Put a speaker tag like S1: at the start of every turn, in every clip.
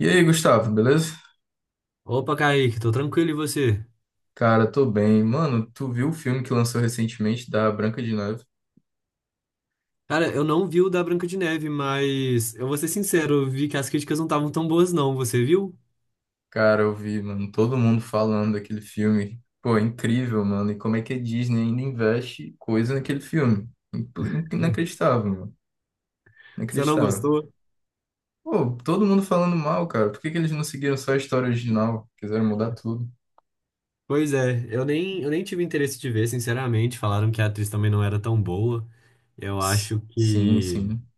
S1: E aí, Gustavo, beleza?
S2: Opa, Kaique, tô tranquilo e você?
S1: Cara, tô bem. Mano, tu viu o filme que lançou recentemente da Branca de Neve?
S2: Cara, eu não vi o da Branca de Neve, mas eu vou ser sincero, eu vi que as críticas não estavam tão boas não, você viu?
S1: Cara, eu vi, mano, todo mundo falando daquele filme. Pô, é incrível, mano. E como é que a Disney ainda investe coisa naquele filme? Inacreditável, mano.
S2: Você não
S1: Inacreditável.
S2: gostou?
S1: Pô, todo mundo falando mal, cara. Por que que eles não seguiram só a história original? Quiseram mudar tudo.
S2: Pois é, eu nem tive interesse de ver, sinceramente, falaram que a atriz também não era tão boa. Eu
S1: S-
S2: acho
S1: Sim,
S2: que
S1: sim.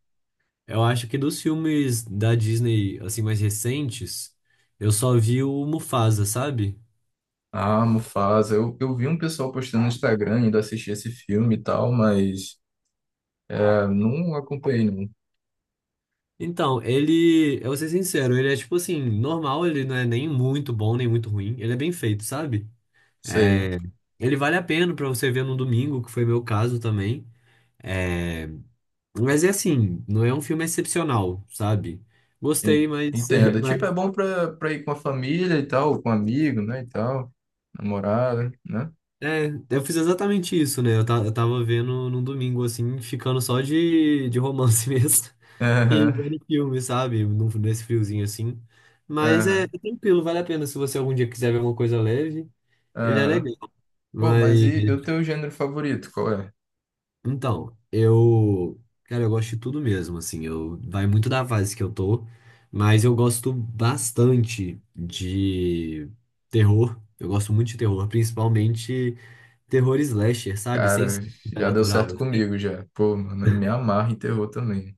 S2: eu acho que dos filmes da Disney assim mais recentes, eu só vi o Mufasa, sabe?
S1: Ah, Mufasa. Eu vi um pessoal postando no Instagram, ainda assisti esse filme e tal, mas ah, não acompanhei, não.
S2: Então, ele, eu vou ser sincero, ele é tipo assim, normal, ele não é nem muito bom, nem muito ruim, ele é bem feito, sabe?
S1: Sei.
S2: É, ele vale a pena pra você ver no domingo, que foi meu caso também. É, mas é assim, não é um filme excepcional, sabe? Gostei,
S1: En-
S2: mas,
S1: Entendo. É, tipo, é
S2: mas
S1: bom pra, pra ir com a família e tal, com amigo, né, e tal, namorada, né?
S2: é, eu fiz exatamente isso, né? Eu, eu tava vendo num domingo, assim, ficando só de romance mesmo. E
S1: Aham,
S2: vendo filme, sabe? Nesse friozinho assim. Mas é, é
S1: aham,
S2: tranquilo, vale a pena. Se você algum dia quiser ver uma coisa leve, ele é
S1: aham.
S2: legal.
S1: Pô,
S2: Mas
S1: mas e o teu gênero favorito, qual é?
S2: então, eu, cara, eu gosto de tudo mesmo, assim, eu vai muito da fase que eu tô, mas eu gosto bastante de terror. Eu gosto muito de terror, principalmente terror slasher, sabe? Sem
S1: Cara,
S2: ser
S1: já deu certo
S2: supernatural, assim.
S1: comigo já. Pô, mano, eu me amarro em terror também.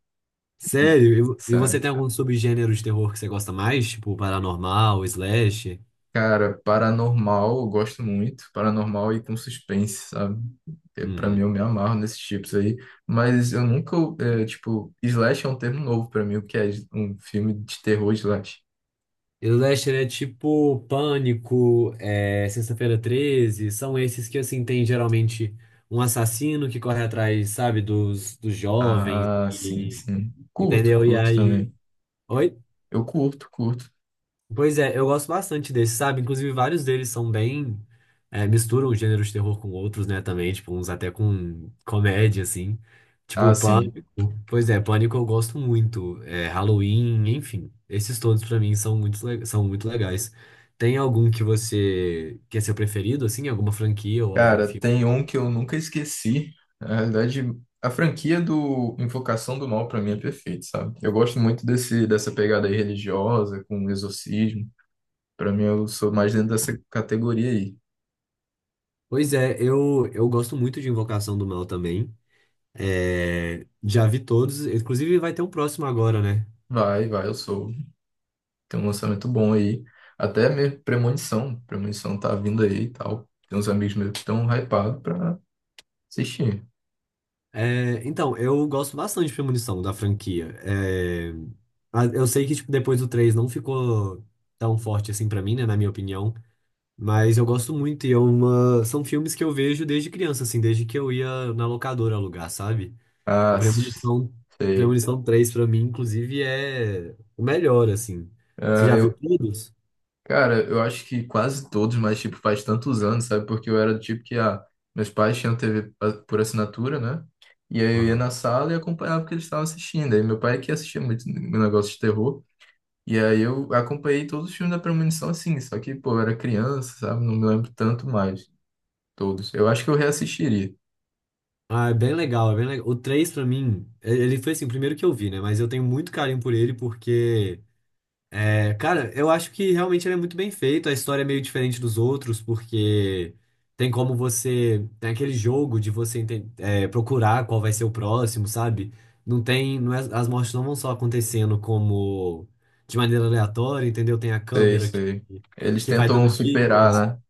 S1: Hum,
S2: Sério? E você
S1: Sério.
S2: tem algum subgênero de terror que você gosta mais? Tipo, paranormal, slasher?
S1: Cara, paranormal eu gosto muito. Paranormal e com suspense, sabe? Pra mim,
S2: Hum.
S1: eu me amarro nesses tipos aí. Mas eu nunca, é, tipo, slash é um termo novo pra mim. O que é um filme de terror slash?
S2: E o Slasher é tipo Pânico, é, Sexta-feira 13, são esses que, assim, tem geralmente um assassino que corre atrás, sabe, dos jovens,
S1: Ah, sim, sim. Curto,
S2: entendeu? E
S1: curto
S2: aí...
S1: também.
S2: Oi?
S1: Eu curto, curto.
S2: Pois é, eu gosto bastante desse, sabe? Inclusive, vários deles são bem. É, misturam gêneros de terror com outros, né? Também, tipo, uns até com comédia, assim.
S1: Ah,
S2: Tipo,
S1: sim.
S2: Pânico. Pois é, Pânico eu gosto muito. É, Halloween, enfim. Esses todos, pra mim, são muito, são muito legais. Tem algum que você. Que é seu preferido, assim? Alguma franquia ou algum
S1: Cara,
S2: filme?
S1: tem um que eu nunca esqueci. Na realidade, a franquia do Invocação do Mal pra mim é perfeita, sabe? Eu gosto muito desse dessa pegada aí religiosa com exorcismo. Pra mim eu sou mais dentro dessa categoria aí.
S2: Pois é, eu gosto muito de Invocação do Mal também. É, já vi todos. Inclusive, vai ter um próximo agora, né?
S1: Vai, vai, eu sou. Tem um lançamento bom aí. Até mesmo Premonição. Premonição tá vindo aí e tal. Tem uns amigos meus que estão hypados pra assistir.
S2: É, então, eu gosto bastante de Premonição, da franquia. É, eu sei que, tipo, depois do 3 não ficou tão forte assim pra mim, né, na minha opinião. Mas eu gosto muito e é uma... são filmes que eu vejo desde criança, assim, desde que eu ia na locadora alugar, sabe? O
S1: Ah,
S2: Premonição, o
S1: sei.
S2: Premonição 3 pra mim, inclusive, é o melhor, assim. Você já viu
S1: Ah,
S2: todos?
S1: cara, eu acho que quase todos, mas tipo, faz tantos anos, sabe? Porque eu era do tipo que ah, meus pais tinham TV por assinatura, né? E aí eu ia
S2: Aham.
S1: na sala e acompanhava o que eles estavam assistindo. Aí meu pai que assistia muito negócio de terror. E aí eu acompanhei todos os filmes da Premonição assim, só que, pô, eu era criança, sabe? Não me lembro tanto mais. Todos. Eu acho que eu reassistiria.
S2: Ah, é bem legal, é bem legal. O 3 pra mim, ele foi assim, o primeiro que eu vi, né? Mas eu tenho muito carinho por ele porque. É, cara, eu acho que realmente ele é muito bem feito. A história é meio diferente dos outros, porque tem como você. Tem aquele jogo de você é, procurar qual vai ser o próximo, sabe? Não tem. As mortes não vão só acontecendo como de maneira aleatória, entendeu? Tem a
S1: Sei,
S2: câmera
S1: sei. Eles
S2: que vai
S1: tentam
S2: dando
S1: superar,
S2: dicas.
S1: né?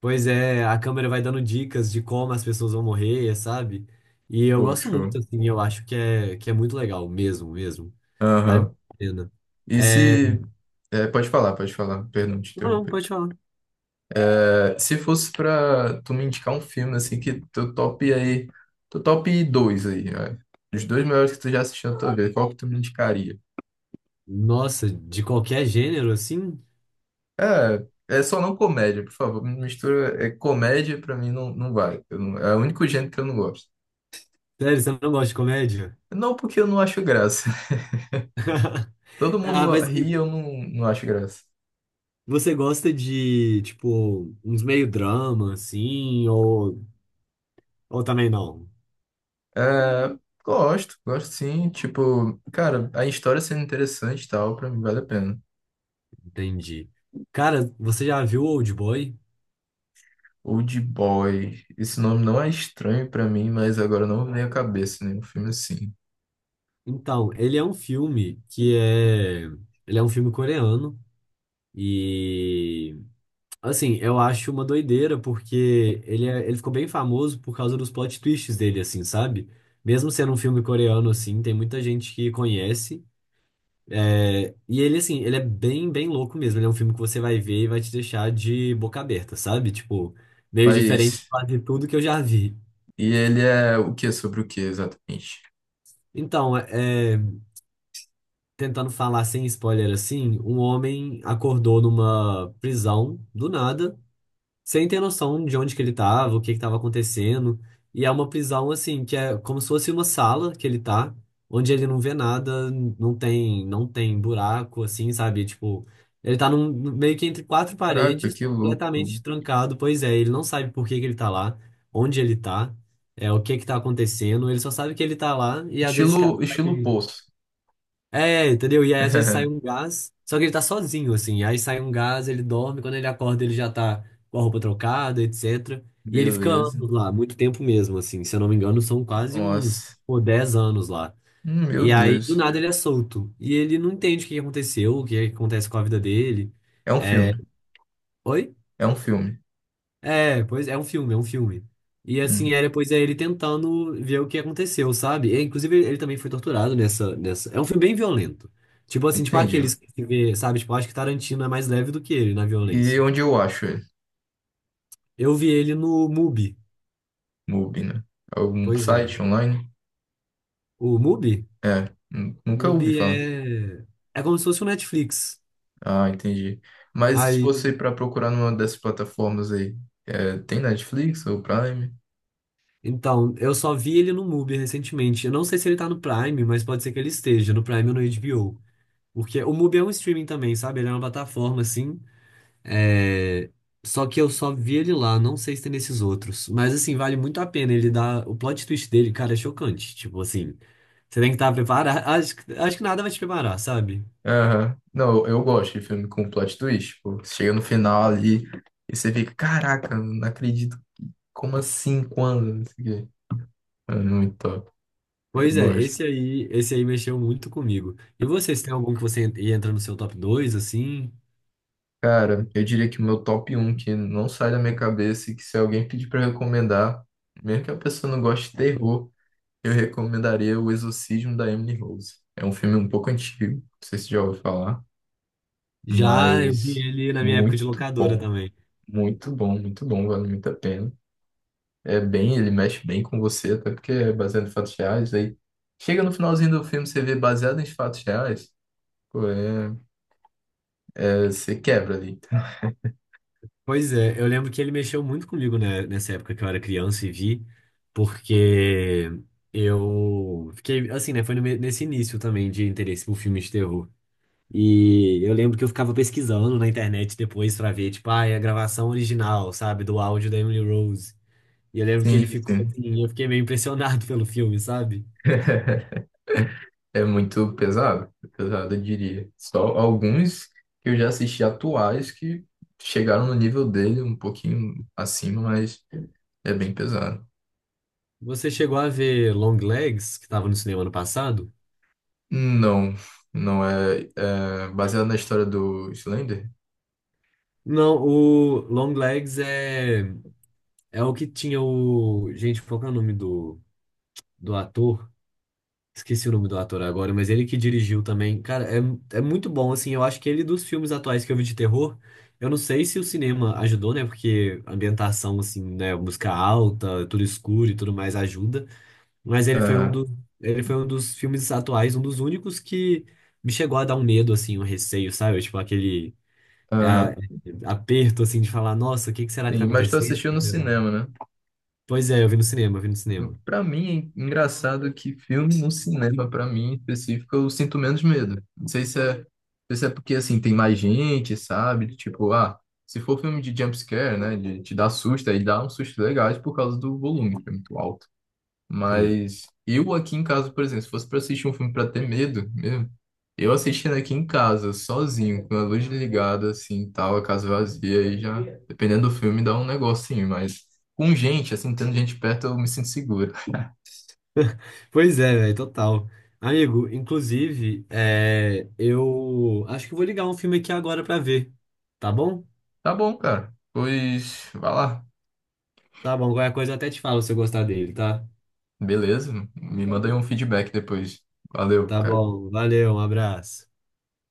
S2: Pois é, a câmera vai dando dicas de como as pessoas vão morrer, sabe? E eu gosto
S1: Poxa.
S2: muito, assim, eu acho que é muito legal, mesmo, mesmo. Vale muito
S1: Aham.
S2: a pena.
S1: E
S2: É...
S1: se. É, pode falar, pode falar. Perdão, te
S2: Não, não,
S1: interromper.
S2: pode falar.
S1: É, se fosse pra tu me indicar um filme assim que teu top aí, teu top dois aí, é, os dois melhores que tu já assistiu na tua vida, qual que tu me indicaria?
S2: Nossa, de qualquer gênero, assim?
S1: É, é só não comédia, por favor, me mistura, é comédia pra mim não, não vai, eu não- é o único gênero que eu não gosto.
S2: Sério, você não gosta de comédia?
S1: Não porque eu não acho graça, todo
S2: Ah,
S1: mundo
S2: mas
S1: ri, eu não, não acho graça.
S2: você gosta de, tipo, uns meio drama, assim, ou também não?
S1: É, gosto, gosto sim, tipo, cara, a história sendo interessante e tal, pra mim vale a pena.
S2: Entendi. Cara, você já viu Old Boy?
S1: Old Boy. Esse nome não é estranho pra mim, mas agora não me vem à cabeça nenhum filme assim.
S2: Então, ele é um filme que é... Ele é um filme coreano e... Assim, eu acho uma doideira, porque ele, ele ficou bem famoso por causa dos plot twists dele, assim, sabe? Mesmo sendo um filme coreano, assim, tem muita gente que conhece. É, e ele, assim, ele é bem, bem louco mesmo. Ele é um filme que você vai ver e vai te deixar de boca aberta, sabe? Tipo, meio diferente de
S1: Mas.
S2: quase tudo que eu já vi.
S1: E ele é o que? Sobre o que exatamente?
S2: Então, é, é, tentando falar sem spoiler assim, um homem acordou numa prisão do nada. Sem ter noção de onde que ele tava, o que que tava acontecendo. E é uma prisão, assim, que é como se fosse uma sala que ele tá, onde ele não vê nada, não tem buraco, assim, sabe? Tipo, ele tá num, meio que entre quatro
S1: Caraca,
S2: paredes,
S1: que louco.
S2: completamente trancado. Pois é, ele não sabe por que que ele tá lá, onde ele tá, é, o que que tá acontecendo. Ele só sabe que ele tá lá e às vezes
S1: Estilo,
S2: sai
S1: estilo Poço.
S2: é, entendeu? E aí às vezes sai um gás, só que ele tá sozinho, assim. Aí sai um gás, ele dorme, quando ele acorda ele já tá com a roupa trocada, etc. E ele fica
S1: Beleza.
S2: anos lá, muito tempo mesmo, assim. Se eu não me engano, são quase uns,
S1: Nossa.
S2: pô, 10 anos lá.
S1: Meu
S2: E aí, do
S1: Deus.
S2: nada, ele é solto. E ele não entende o que que aconteceu, o que que acontece com a vida dele.
S1: É um filme.
S2: Oi?
S1: É um filme.
S2: É, pois é um filme, é um filme. E assim,
S1: Hum,
S2: é, depois é ele tentando ver o que aconteceu, sabe? E, inclusive, ele também foi torturado nessa. É um filme bem violento. Tipo assim, tipo
S1: entendi.
S2: aqueles que se vê, sabe? Tipo, acho que Tarantino é mais leve do que ele na
S1: E
S2: violência.
S1: onde eu acho ele?
S2: Eu vi ele no Mubi.
S1: Mubi, né? Algum
S2: Pois é.
S1: site online?
S2: O Mubi?
S1: É. Nunca ouvi
S2: Mubi
S1: falar.
S2: é. É como se fosse o Netflix.
S1: Ah, entendi. Mas se
S2: Aí,
S1: você para procurar numa dessas plataformas aí, é, tem Netflix ou Prime?
S2: então, eu só vi ele no Mubi recentemente. Eu não sei se ele tá no Prime, mas pode ser que ele esteja no Prime ou no HBO. Porque o Mubi é um streaming também, sabe? Ele é uma plataforma, assim. É, só que eu só vi ele lá, não sei se tem nesses outros. Mas assim, vale muito a pena. Ele dá. O plot twist dele, cara, é chocante. Tipo assim, você tem que estar preparado. Acho, acho que nada vai te preparar, sabe?
S1: Aham. Não, eu gosto de filme com plot twist. Pô. Você chega no final ali e você fica, caraca, não acredito. Como assim? Quando? Não sei o quê. É muito top. Eu
S2: Pois é,
S1: gosto.
S2: esse aí mexeu muito comigo. E vocês, tem algum que você entra no seu top 2 assim?
S1: Cara, eu diria que o meu top um que não sai da minha cabeça, e que se alguém pedir pra eu recomendar, mesmo que a pessoa não goste de terror, eu recomendaria O Exorcismo da Emily Rose. É um filme um pouco antigo, não sei se você já ouviu falar.
S2: Já eu vi
S1: Mas
S2: ele na minha época de
S1: muito
S2: locadora
S1: bom,
S2: também.
S1: muito bom, muito bom, vale muito a pena. É bem, ele mexe bem com você, até porque é baseado em fatos reais. Aí chega no finalzinho do filme, você vê baseado em fatos reais, pô, é, é, você quebra ali.
S2: Pois é, eu lembro que ele mexeu muito comigo, né, nessa época que eu era criança e vi, porque eu fiquei, assim, né, foi no me- nesse início também de interesse por filmes de terror. E eu lembro que eu ficava pesquisando na internet depois pra ver, tipo, ah, é a gravação original, sabe, do áudio da Emily Rose. E eu lembro que ele
S1: Sim,
S2: ficou
S1: sim.
S2: assim, eu fiquei meio impressionado pelo filme, sabe?
S1: É muito pesado, pesado, eu diria. Só alguns que eu já assisti atuais que chegaram no nível dele um pouquinho acima, mas é bem pesado.
S2: Você chegou a ver Long Legs, que tava no cinema ano passado?
S1: Não, não é, é baseado na história do Slender?
S2: Não, o Long Legs é, é o que tinha o. Gente, qual que é o nome do. Do ator. Esqueci o nome do ator agora, mas ele que dirigiu também. Cara, é, é muito bom, assim. Eu acho que ele, dos filmes atuais que eu vi de terror, eu não sei se o cinema ajudou, né? Porque a ambientação, assim, né? Música alta, tudo escuro e tudo mais ajuda. Mas ele foi um
S1: Aham,
S2: do, ele foi um dos filmes atuais, um dos únicos que me chegou a dar um medo, assim, um receio, sabe? Tipo, aquele é a-
S1: aham.
S2: é aperto, assim, de falar: nossa, o que que será que tá
S1: Sim, mas tu
S2: acontecendo?
S1: assistiu no cinema, né?
S2: Pois é, eu vi no cinema, eu vi no cinema.
S1: Pra mim, é engraçado que filme no cinema, pra mim em específico, eu sinto menos medo. Não sei se é, não sei se é porque, assim, tem mais gente, sabe? Tipo, ah, se for filme de jumpscare, né? De te dar susto, aí dá uns sustos legais por causa do volume, que é muito alto.
S2: Sim.
S1: Mas eu aqui em casa, por exemplo, se fosse pra assistir um filme pra ter medo mesmo, eu assistindo aqui em casa, sozinho, com a luz ligada, assim, tal, a casa vazia, aí já, dependendo do filme, dá um negocinho, mas com gente, assim, tendo gente perto, eu me sinto seguro.
S2: Pois é, velho, total. Amigo, inclusive, é, eu acho que vou ligar um filme aqui agora pra ver, tá bom?
S1: Tá bom, cara. Pois, vai lá.
S2: Tá bom, qualquer coisa eu até te falo se eu gostar dele, tá? Tá.
S1: Beleza? Me manda aí um feedback depois. Valeu,
S2: Tá
S1: cara.
S2: bom, valeu, um abraço.